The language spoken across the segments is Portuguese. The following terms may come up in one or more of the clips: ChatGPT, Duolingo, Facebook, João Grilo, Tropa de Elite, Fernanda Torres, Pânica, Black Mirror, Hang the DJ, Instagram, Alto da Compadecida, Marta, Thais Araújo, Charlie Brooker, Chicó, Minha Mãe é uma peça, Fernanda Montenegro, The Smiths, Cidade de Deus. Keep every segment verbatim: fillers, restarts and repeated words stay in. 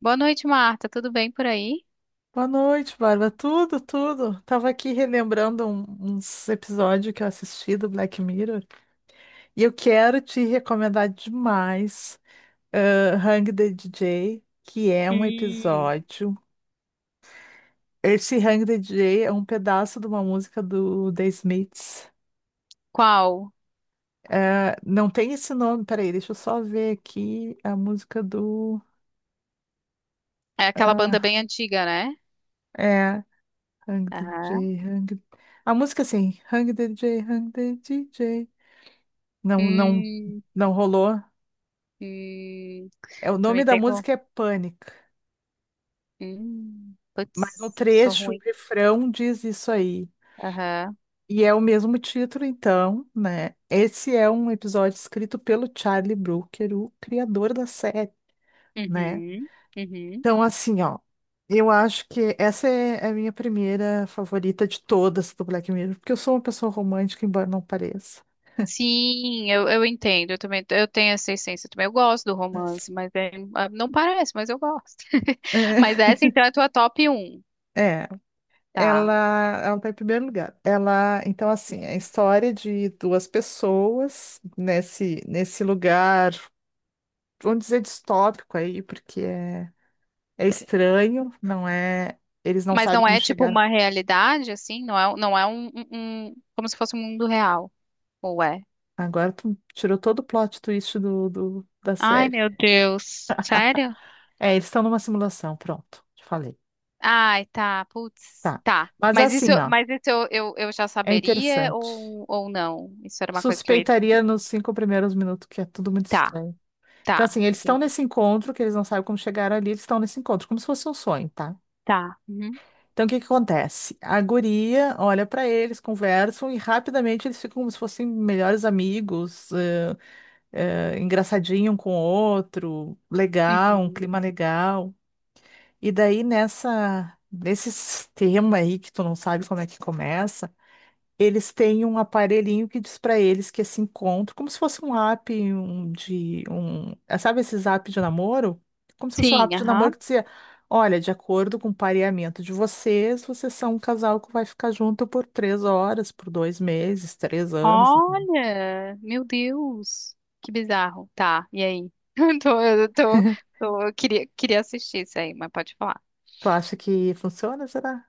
Boa noite, Marta. Tudo bem por aí? Boa noite, Bárbara. Tudo, tudo. Tava aqui relembrando um- uns episódios que eu assisti do Black Mirror, e eu quero te recomendar demais, eh, Hang the D J, que é um Hum. episódio. Esse Hang the D J é um pedaço de uma música do The Smiths. Qual? Eh, não tem esse nome, peraí, deixa eu só ver aqui a música do. É aquela banda Ah, bem antiga, né? é, Hang the Aham. D J, Hang. A música assim, Hang the D J, Hang the D J. Não, não, Hum, não rolou. hum, É, o tu me nome da pegou? música é Pânica, Hum, mas no putz, eu sou trecho, o ruim. refrão diz isso aí. Aham. E é o mesmo título, então, né? Esse é um episódio escrito pelo Charlie Brooker, o criador da série, né? Uhum, uhum. Então, assim, ó, eu acho que essa é é a minha primeira favorita de todas do Black Mirror, porque eu sou uma pessoa romântica, embora não pareça. Sim, eu, eu entendo. Eu também, eu tenho essa essência também. Eu gosto do romance, mas é- ah, não parece, mas eu gosto. Mas É, essa então é a tua top um, é. tá? Ela, ela está em primeiro lugar. Ela, então, assim, é a Uhum. história de duas pessoas nesse, nesse lugar, vamos dizer distópico aí, porque é, é estranho, não é. Eles não Mas sabem não como é tipo chegaram. uma realidade, assim? Não é, não é um, um, um- como se fosse um mundo real. Ué. Agora tu tirou todo o plot twist do, do- da Ai, série. meu Deus. Sério? É, eles estão numa simulação, pronto, te falei. Ai, tá. Putz, Tá. tá. Mas Mas isso, assim, ó, mas isso eu, eu, eu já é saberia interessante. ou ou não? Isso era uma coisa que eu ia Suspeitaria descobrir. nos cinco primeiros minutos que é tudo muito Tá, estranho. Então, tá. assim, eles estão Entendi. nesse encontro, que eles não sabem como chegaram ali, eles estão nesse encontro, como se fosse um sonho, tá? Tá. Uhum. Então, o que que acontece? A guria olha pra eles, conversam e rapidamente eles ficam como se fossem melhores amigos, eh, eh, engraçadinho um com o outro, legal, um Uhum. clima legal. E daí, nessa, nesse tema aí que tu não sabe como é que começa. Eles têm um aparelhinho que diz para eles que esse encontro, como se fosse um app um, de um, é, sabe esses apps de namoro? Como se fosse um Sim, app de namoro aham. que dizia, olha, de acordo com o pareamento de vocês, vocês são um casal que vai ficar junto por três horas, por dois meses, três anos, entendeu? Olha, meu Deus. Que bizarro. Tá, e aí? Eu tô, eu tô, tô, eu queria, queria assistir isso aí, mas pode falar. Tu acha que funciona, será?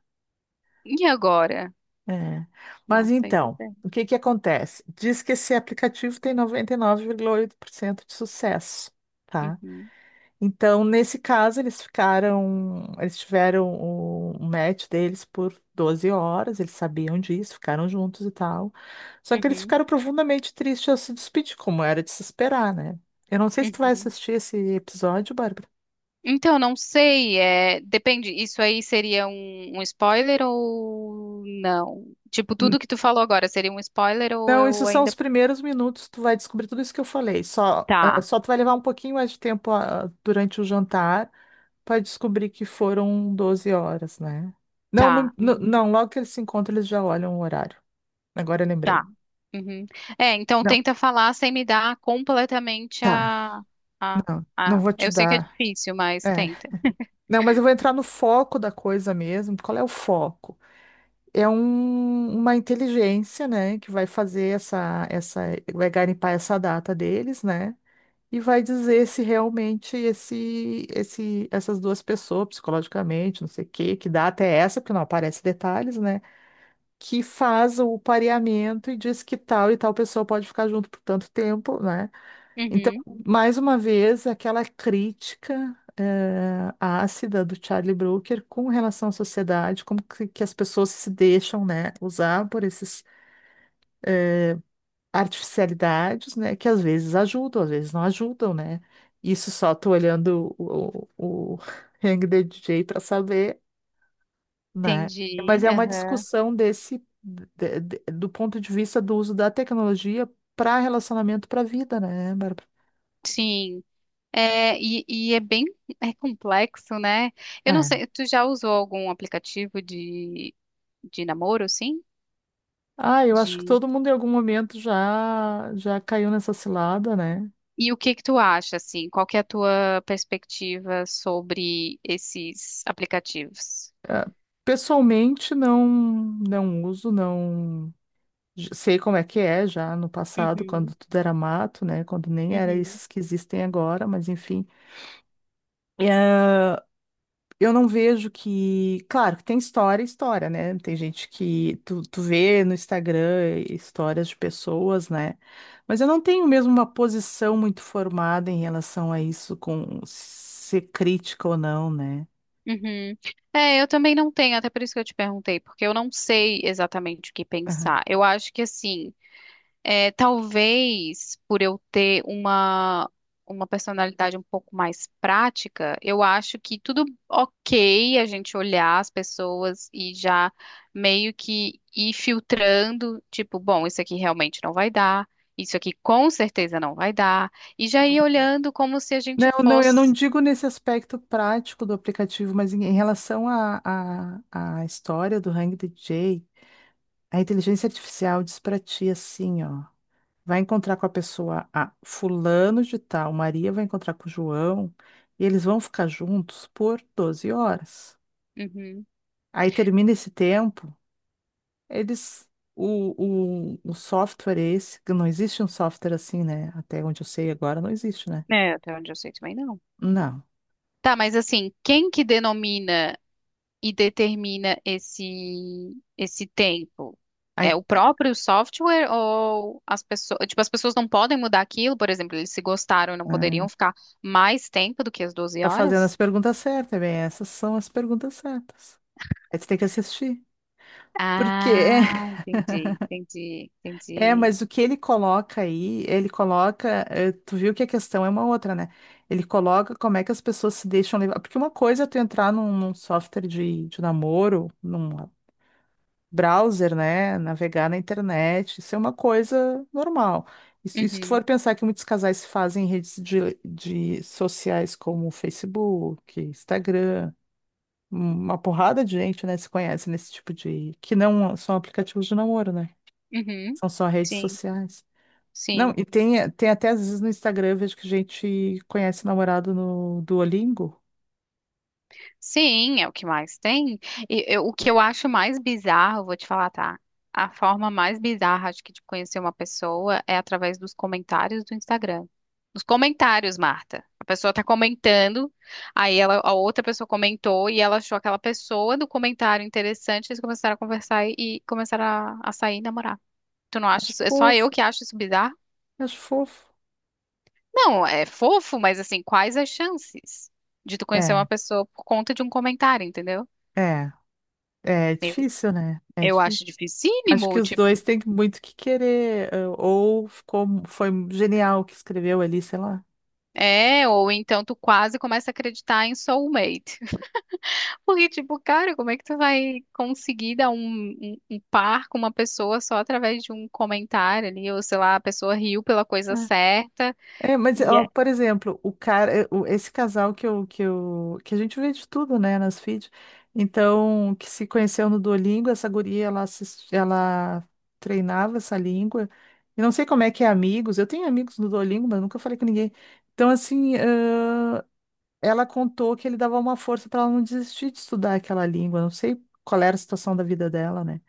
E agora? É. Mas Não sei então, dizer. o que que acontece? Diz que esse aplicativo tem noventa e nove vírgula oito por cento de sucesso, tá? Uhum, Então, nesse caso, eles ficaram, eles tiveram o, o match deles por doze horas, eles sabiam disso, ficaram juntos e tal. Só que eles uhum, ficaram profundamente tristes ao se despedir, como era de se esperar, né? Eu não sei se tu vai uhum. assistir esse episódio, Bárbara. Então, não sei, é, depende, isso aí seria um, um spoiler ou não? Tipo, N- tudo que tu falou agora seria um spoiler ou Não, isso eu são ainda... os primeiros minutos, tu vai descobrir tudo isso que eu falei. Só, ah, Tá, só tu vai levar um pouquinho mais de tempo, ah, durante o jantar para descobrir que foram doze horas, né? Não, tá, no- no- uhum, não, logo que eles se encontram, eles já olham o horário. Agora eu lembrei. tá. Uhum. É, então Não, tenta falar sem me dar completamente tá. a, a, Não, não a... vou te Eu sei que é dar. difícil, mas É. tenta. Não, mas eu vou entrar no foco da coisa mesmo. Qual é o foco? É um- uma inteligência, né, que vai fazer essa, essa, vai garimpar essa data deles, né? E vai dizer se realmente esse, esse, essas duas pessoas, psicologicamente, não sei o quê, que data é essa, porque não aparece detalhes, né? Que faz o pareamento e diz que tal e tal pessoa pode ficar junto por tanto tempo, né? Então, Uhum, mais uma vez, aquela crítica eh, ácida do Charlie Brooker com relação à sociedade, como que, que as pessoas se deixam, né, usar por essas artificialidades, né, que às vezes ajudam, às vezes não ajudam, né? Isso só tô olhando o, o, o Hang the D J para saber, né? entendi, Mas é uma aham. discussão desse de- de- do ponto de vista do uso da tecnologia para relacionamento para vida, né, Bárbara? Sim. É, e, e é bem é complexo, né? Eu não É. sei, tu já usou algum aplicativo de, de namoro, sim? Ah, eu acho que Entendi. todo mundo em algum momento já já caiu nessa cilada, né? E o que que tu acha, assim? Qual que é a tua perspectiva sobre esses aplicativos? Ah, pessoalmente não não uso, não j- sei como é que é já no passado, quando Uhum, tudo era mato, né? Quando nem era uhum, esses que existem agora, mas enfim. Eu não vejo que. Claro, que tem história, história, né? Tem gente que tu, tu vê no Instagram histórias de pessoas, né? Mas eu não tenho mesmo uma posição muito formada em relação a isso, com ser crítica ou não, né? uhum. É, eu também não tenho, até por isso que eu te perguntei, porque eu não sei exatamente o que Aham. pensar. Eu acho que, assim, é, talvez por eu ter uma, uma personalidade um pouco mais prática, eu acho que tudo ok a gente olhar as pessoas e já meio que ir filtrando, tipo, bom, isso aqui realmente não vai dar, isso aqui com certeza não vai dar, e já ir olhando como se a gente Não, não, eu não fosse. digo nesse aspecto prático do aplicativo, mas em, em relação à à à história do Hang D J, a inteligência artificial diz pra ti assim, ó. Vai encontrar com a pessoa A, fulano de tal, Maria vai encontrar com o João, e eles vão ficar juntos por doze horas. Uhum. Aí termina esse tempo, eles. O, o, o software é esse, que não existe um software assim, né? Até onde eu sei agora, não existe, né? É, até onde eu sei também não. Não. Tá, mas assim, quem que denomina e determina esse esse tempo? Aí É o próprio software ou as pessoas, tipo, as pessoas não podem mudar aquilo, por exemplo, eles se gostaram e não ah, poderiam ficar mais tempo do que as doze tá fazendo horas? as perguntas certas, bem, essas são as perguntas certas. Aí tu tem que assistir. Porque Ah, entendi, entendi, É, entendi. mas o que ele coloca aí, ele coloca, eh, tu viu que a questão é uma outra, né? Ele coloca como é que as pessoas se deixam levar. Porque uma coisa é tu entrar num, num, software de, de namoro, num browser, né? Navegar na internet, isso é uma coisa normal. E se e se tu for Uhum, pensar que muitos casais se fazem em redes de, de sociais como Facebook, Instagram, um, uma porrada de gente, né, se conhece nesse tipo de... que não são aplicativos de namoro, né? uhum. São só redes Sim, sociais. Não, sim. e tem, tem até às vezes no Instagram, eu vejo que a gente conhece namorado no Duolingo. Sim, é o que mais tem. E eu- o que eu acho mais bizarro, vou te falar, tá? A forma mais bizarra, acho que, de conhecer uma pessoa é através dos comentários do Instagram. Nos comentários, Marta. A pessoa tá comentando, aí ela, a outra pessoa comentou e ela achou aquela pessoa do comentário interessante, eles começaram a conversar e, e começaram a, a sair e namorar. Tu não acha Acho isso? É só eu fofo, que acho isso bizarro? acho fofo. Não, é fofo, mas assim, quais as chances de tu conhecer É, uma pessoa por conta de um comentário, entendeu? é, é difícil, né? É Eu difícil. acho Acho que dificílimo, os dois tipo, têm muito que querer, eh, ou ficou, foi genial o que escreveu ali, sei lá. é, ou então tu quase começa a acreditar em soulmate. Porque, tipo, cara, como é que tu vai conseguir dar um, um, um par com uma pessoa só através de um comentário ali, ou sei lá, a pessoa riu pela coisa É. certa. É, mas, E ó, é. por exemplo, o cara, eh, o- esse casal que eu, que eu, que a gente vê de tudo, né, nas feeds. Então, que se conheceu no Duolingo, essa guria, ela, assis- ela treinava essa língua. E não sei como é que é amigos. Eu tenho amigos no Duolingo, mas nunca falei com ninguém. Então, assim, ãh, ela contou que ele dava uma força para ela não desistir de estudar aquela língua. Não sei qual era a situação da vida dela, né?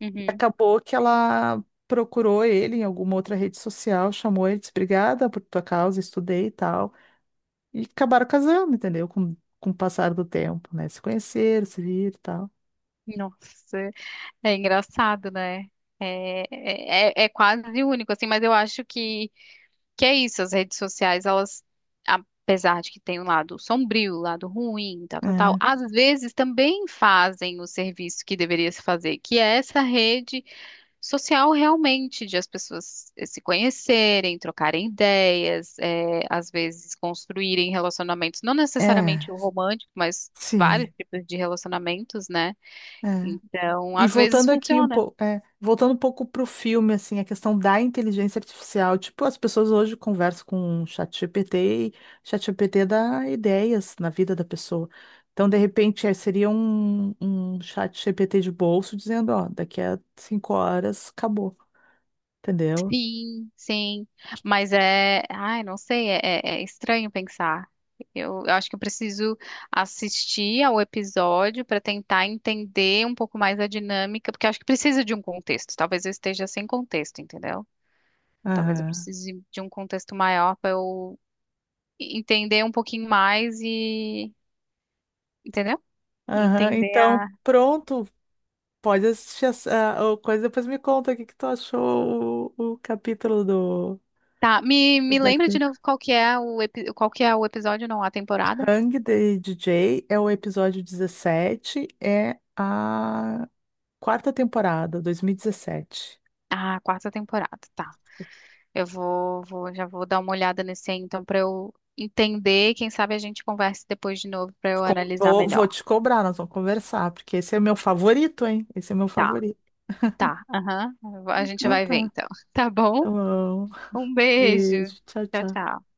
Uhum. Acabou que ela procurou ele em alguma outra rede social, chamou ele, disse, obrigada por tua causa, estudei e tal. E acabaram casando, entendeu? Com, com o passar do tempo, né? Se conheceram, se viram e tal. Nossa, é engraçado, né? É, é, é é quase único, assim, mas eu acho que... Que é isso, as redes sociais, elas, apesar de que tem um lado sombrio, um lado ruim, tal, tal, tal, às vezes também fazem o serviço que deveria se fazer, que é essa rede social realmente, de as pessoas eh, se conhecerem, trocarem ideias, eh, às vezes construírem relacionamentos, não É, é, necessariamente o romântico, mas vários sim. tipos de relacionamentos, né? É. Então, E às vezes voltando aqui um funciona. pouco, é, voltando um pouco pro filme, assim, a questão da inteligência artificial, tipo, as pessoas hoje conversam com o ChatGPT, e ChatGPT dá ideias na vida da pessoa. Então, de repente, eh, seria um, um ChatGPT de bolso dizendo, ó, daqui a cinco horas acabou, entendeu? Sim, sim. Mas é. Ai, não sei, é, é- é estranho pensar. Eu, eu acho que eu preciso assistir ao episódio para tentar entender um pouco mais a dinâmica, porque eu acho que precisa de um contexto. Talvez eu esteja sem contexto, entendeu? Talvez eu Aham. precise de um contexto maior para eu entender um pouquinho mais e. Entendeu? Aham. Entender Então, a. pronto, pode assistir essa a coisa, depois me conta o que que tu achou o, o capítulo do Tá, me, do me Black lembra de novo Mirror. qual que é o, epi- qual que é o episódio, não, a temporada? Hang the D J é o episódio dezessete, é a quarta temporada, dois mil e dezessete. Ah, a quarta temporada, tá. Eu vou, vou, já vou dar uma olhada nesse aí, então, para eu entender. Quem sabe a gente converse depois de novo para eu Co- analisar Vou, vou melhor. te cobrar, nós vamos conversar, porque esse é o meu favorito, hein? Esse é o meu Tá, favorito. tá. Aham. A gente Então vai ver tá. então. Tá Tá bom? bom. Um beijo. Beijo, tchau, Tchau, tchau. tchau.